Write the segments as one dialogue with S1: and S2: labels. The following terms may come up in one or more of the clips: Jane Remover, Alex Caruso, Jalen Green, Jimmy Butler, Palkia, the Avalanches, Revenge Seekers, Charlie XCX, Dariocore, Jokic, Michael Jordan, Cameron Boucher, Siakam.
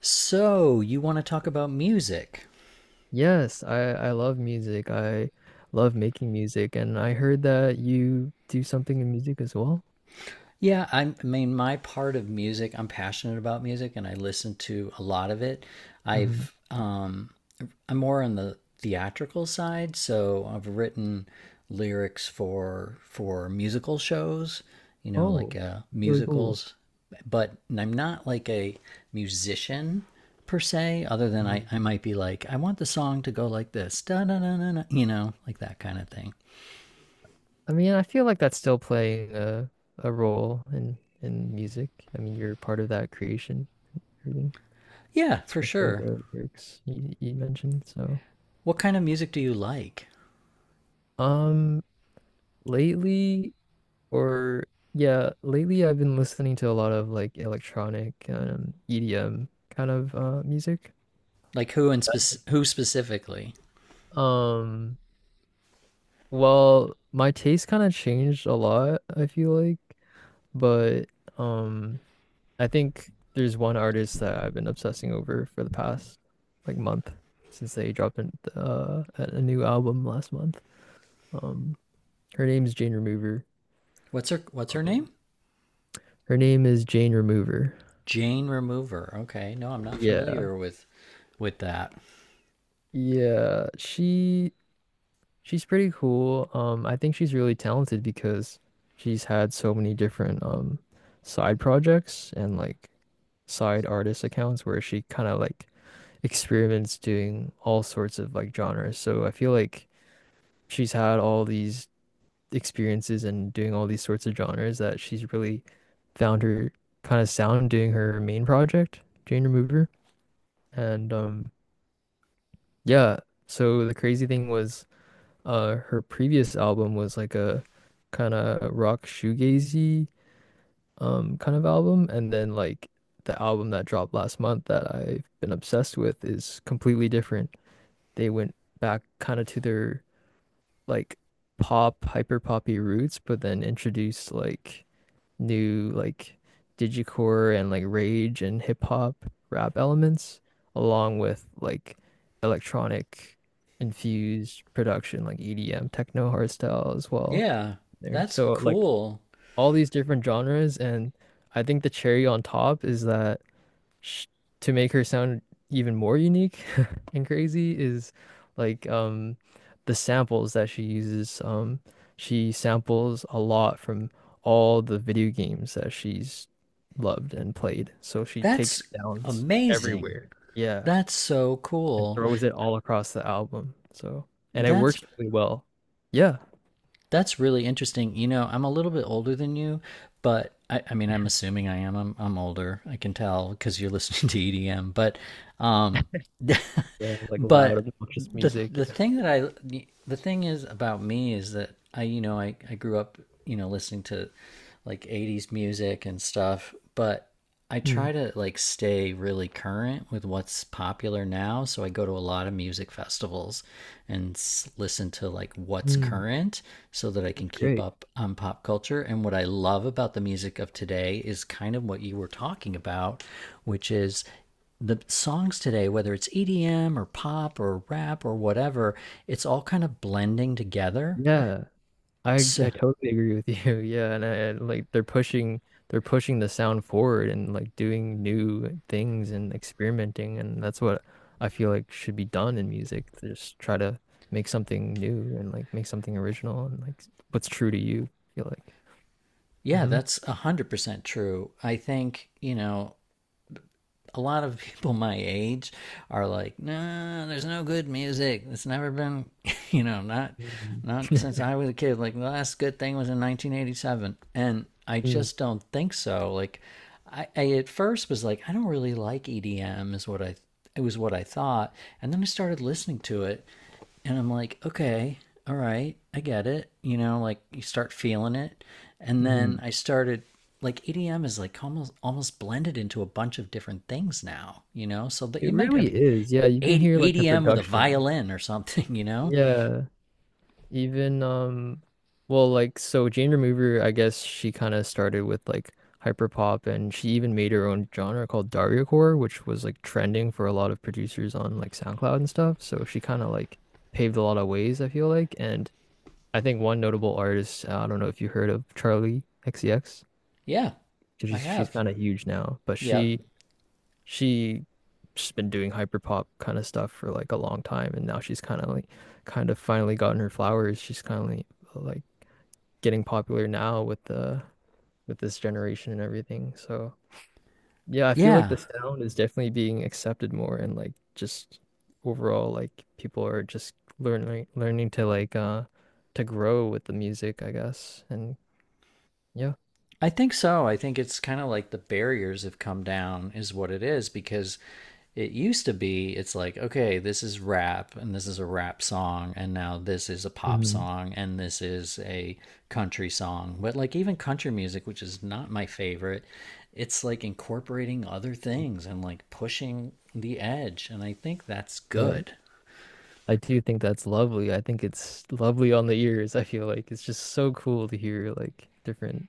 S1: So, you want to talk about music?
S2: Yes, I love music. I love making music, and I heard that you do something in music as well.
S1: Yeah, my part of music, I'm passionate about music and I listen to a lot of it.
S2: Hmm
S1: I've, um, I'm more on the theatrical side, so I've written lyrics for musical shows, you know, like
S2: Oh, really cool.
S1: musicals, but I'm not like a musician per se, other than
S2: hmm
S1: I might be like, I want the song to go like this, da da da da, you know, like that kind of thing.
S2: I mean, I feel like that's still playing a role in music. I mean, you're part of that creation, really,
S1: Yeah, for
S2: especially
S1: sure.
S2: the lyrics you mentioned. So,
S1: What kind of music do you like?
S2: um, lately or yeah, lately I've been listening to a lot of like electronic EDM kind of music.
S1: Like who and
S2: That's
S1: who specifically?
S2: Um, well, my taste kind of changed a lot, I feel like, but um, I think there's one artist that I've been obsessing over for the past like month since they dropped in, a new album last month. Um, her name's Jane Remover.
S1: What's her
S2: Um,
S1: name?
S2: her name is Jane Remover.
S1: Jane Remover. Okay, no, I'm not
S2: Yeah.
S1: familiar with that.
S2: Yeah, she She's pretty cool. I think she's really talented because she's had so many different side projects and like side artist accounts where she kind of like experiments doing all sorts of like genres. So I feel like she's had all these experiences and doing all these sorts of genres that she's really found her kind of sound doing her main project, Jane Remover. And yeah, so the crazy thing was her previous album was like a kind of rock shoegazy kind of album, and then like the album that dropped last month that I've been obsessed with is completely different. They went back kind of to their like pop, hyper poppy roots, but then introduced like new like digicore and like rage and hip hop rap elements along with like electronic infused production like EDM techno hardstyle as well
S1: Yeah,
S2: there.
S1: that's
S2: So like
S1: cool.
S2: all these different genres, and I think the cherry on top is that sh to make her sound even more unique and crazy is like the samples that she uses. She samples a lot from all the video games that she's loved and played. So she takes
S1: That's
S2: sounds
S1: amazing.
S2: everywhere. Yeah,
S1: That's so
S2: and
S1: cool.
S2: throws it all across the album. So, and it
S1: That's
S2: works really well. Yeah,
S1: That's really interesting. You know, I'm a little bit older than you, but I mean, I'm assuming I am. I'm older. I can tell because you're listening to EDM. Um,
S2: Yeah, like loud,
S1: but
S2: obnoxious
S1: the
S2: music.
S1: the
S2: Yeah.
S1: thing that I the thing is about me is that I, you know, I grew up, you know, listening to like 80s music and stuff, but I
S2: Mm,
S1: try to like stay really current with what's popular now. So I go to a lot of music festivals and listen to like what's
S2: mm,
S1: current so that I can
S2: that's
S1: keep
S2: great.
S1: up on pop culture. And what I love about the music of today is kind of what you were talking about, which is the songs today, whether it's EDM or pop or rap or whatever, it's all kind of blending together.
S2: Yeah. I
S1: So,
S2: I totally agree with you. Like they're pushing the sound forward and like doing new things and experimenting, and that's what I feel like should be done in music. To just try to make something new and like make something original and like what's true to you, I feel like.
S1: yeah,
S2: Hmm
S1: that's 100% true. I think, you know, a lot of people my age are like, "Nah, there's no good music. It's never been, you know, not not since I was a kid. Like the last good thing was in 1987." And I just don't think so. Like I at first was like, "I don't really like EDM," is what I it was what I thought. And then I started listening to it and I'm like, okay, all right, I get it. You know, like you start feeling it. And
S2: Mm-hmm.
S1: then I started like EDM is like almost blended into a bunch of different things now, you know? So that you
S2: It
S1: might
S2: really
S1: have
S2: is. Yeah, you can hear like the
S1: EDM with a
S2: production.
S1: violin or something, you know?
S2: Yeah. Even well like so Jane Remover, I guess she kind of started with like hyperpop, and she even made her own genre called Dariocore, which was like trending for a lot of producers on like SoundCloud and stuff. So she kind of like paved a lot of ways, I feel like. And I think one notable artist, I don't know if you heard of Charlie XCX.
S1: Yeah. I
S2: She's
S1: have.
S2: kind of huge now, but
S1: Yep.
S2: she she's been doing hyperpop kind of stuff for like a long time, and now she's kind of like kind of finally gotten her flowers. She's kind of like getting popular now with the with this generation and everything. So yeah, I feel like
S1: Yeah.
S2: the sound is definitely being accepted more and like just overall like people are just learning to like to grow with the music, I guess. And yeah.
S1: I think so. I think it's kind of like the barriers have come down is what it is because it used to be, it's like, okay, this is rap and this is a rap song, and now this is a pop
S2: Mhm.
S1: song and this is a country song. But like, even country music, which is not my favorite, it's like incorporating other
S2: mm
S1: things and like pushing the edge. And I think that's
S2: Right.
S1: good.
S2: I do think that's lovely. I think it's lovely on the ears. I feel like it's just so cool to hear like different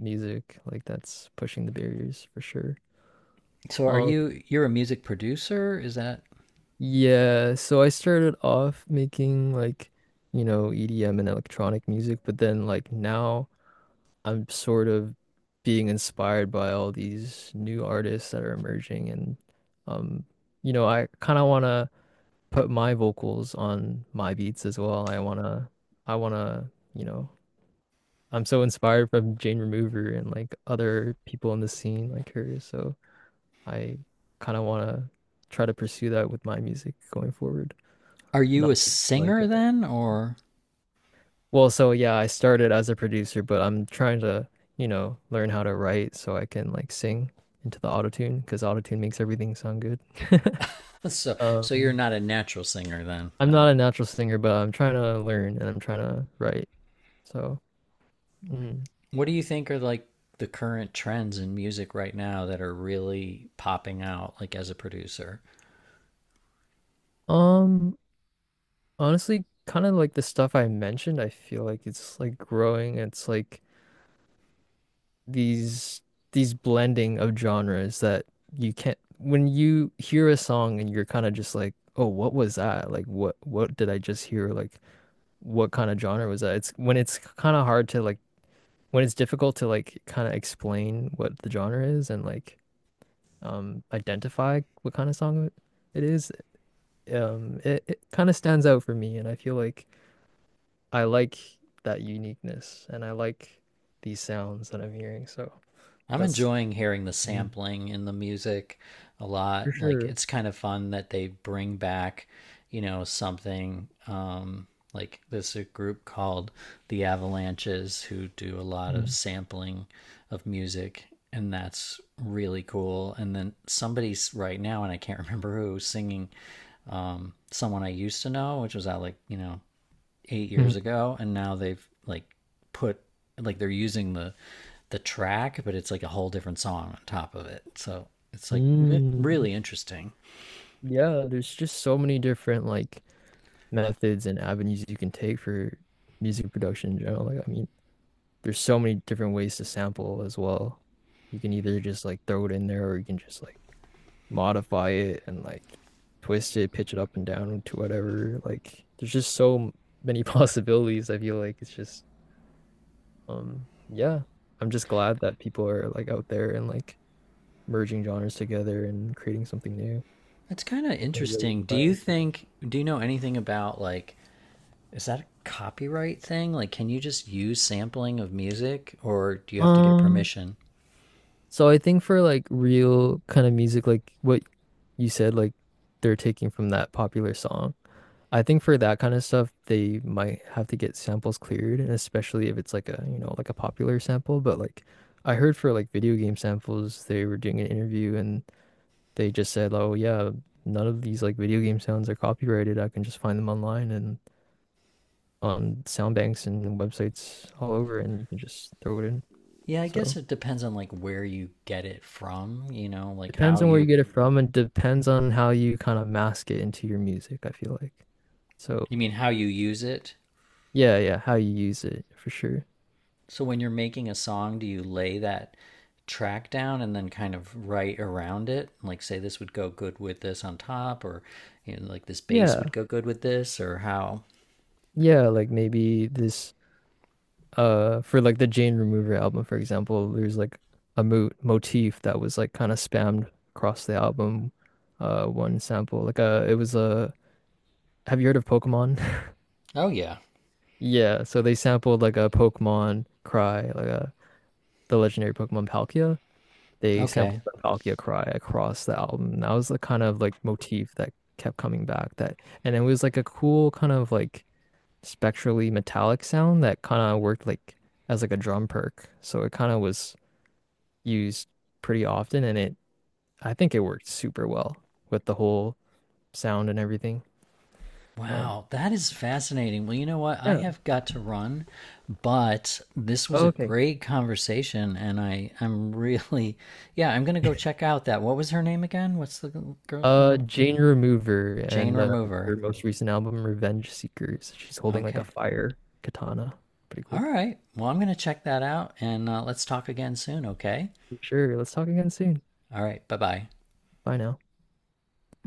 S2: music like that's pushing the barriers for sure.
S1: So, are you're a music producer? Is that,
S2: Yeah, so I started off making like, you know, EDM and electronic music, but then like now I'm sort of being inspired by all these new artists that are emerging, and um you know, I kind of want to put my vocals on my beats as well. I want to you know, I'm so inspired from Jane Remover and like other people in the scene like her, so I kind of want to try to pursue that with my music going forward.
S1: are you a
S2: Not just like
S1: singer then? Or
S2: so yeah, I started as a producer, but I'm trying to, you know, learn how to write so I can like sing into the autotune because autotune makes everything sound good.
S1: so, so you're
S2: um
S1: not a natural singer then?
S2: I'm not a natural singer, but I'm trying to learn, and I'm trying to write. So mm.
S1: What do you think are like the current trends in music right now that are really popping out, like as a producer?
S2: um honestly, kind of like the stuff I mentioned, I feel like it's like growing, it's like these these blending of genres that you can't when you hear a song and you're kind of just like, oh, what was that? Like what did I just hear? Like what kind of genre was that? It's when it's kind of hard to like when it's difficult to like kind of explain what the genre is and like identify what kind of song it is. It kind of stands out for me, and I feel like I like that uniqueness, and I like these sounds that I'm hearing. So
S1: I'm
S2: that's
S1: enjoying hearing the
S2: Mhm.
S1: sampling in the music a
S2: For
S1: lot. Like
S2: sure.
S1: it's kind of fun that they bring back, you know, something like this a group called the Avalanches who do a lot of
S2: Mm.
S1: sampling of music and that's really cool. And then somebody's right now and I can't remember who singing someone I used to know, which was out like, you know, eight
S2: Mhm.
S1: years ago, and now they've like put like they're using the track, but it's like a whole different song on top of it. So it's like
S2: Mm.
S1: really interesting.
S2: Yeah, there's just so many different like methods and avenues you can take for music production in general. Like, I mean, there's so many different ways to sample as well. You can either just like throw it in there, or you can just like modify it and like twist it, pitch it up and down to whatever. Like, there's just so many possibilities. I feel like it's just, yeah, I'm just glad that people are like out there and like merging genres together and creating something new,
S1: It's kind of
S2: which was really
S1: interesting. Do you
S2: inspiring for me.
S1: think? Do you know anything about like? Is that a copyright thing? Like, can you just use sampling of music, or do you have to get
S2: Um,
S1: permission?
S2: so I think for like real kind of music, like what you said, like they're taking from that popular song. I think for that kind of stuff, they might have to get samples cleared, and especially if it's like a, you know, like a popular sample. But like I heard for like video game samples, they were doing an interview, and they just said, oh yeah, none of these like video game sounds are copyrighted. I can just find them online and on sound banks and websites all over, and you can just throw it in.
S1: Yeah, I guess
S2: So.
S1: it depends on like where you get it from. You know, like
S2: Depends
S1: how
S2: on where you
S1: you.
S2: get it from, and depends on how you kind of mask it into your music, I feel like.
S1: You
S2: So,
S1: mean how you use it?
S2: yeah, yeah, how you use it for sure.
S1: So when you're making a song, do you lay that track down and then kind of write around it? Like say this would go good with this on top or you know like this bass would
S2: Yeah,
S1: go good with this or how?
S2: Yeah, like maybe this for like the Jane Remover album, for example, there's like a mo motif that was like kind of spammed across the album one sample. Like it was a have you heard of Pokemon?
S1: Oh yeah.
S2: Yeah, so they sampled like a Pokemon cry, like a the legendary Pokemon Palkia. They
S1: Okay.
S2: sampled the Valkyria cry across the album. That was the kind of like motif that kept coming back. That, and it was like a cool kind of like spectrally metallic sound that kind of worked like as like a drum perk. So it kind of was used pretty often, and it I think it worked super well with the whole sound and everything. Um,
S1: Wow, that is fascinating. Well, you know what? I
S2: yeah.
S1: have got to run, but this was
S2: Oh,
S1: a
S2: okay.
S1: great conversation and I'm really yeah, I'm going to go check out that. What was her name again? What's the girl
S2: Jane Remover
S1: Jane
S2: and
S1: Remover.
S2: her most recent album, Revenge Seekers. She's holding like a
S1: Okay.
S2: fire katana. Pretty
S1: All
S2: cool.
S1: right. Well, I'm going to check that out and let's talk again soon, okay?
S2: For sure. Let's talk again soon.
S1: All right. Bye bye.
S2: Bye now.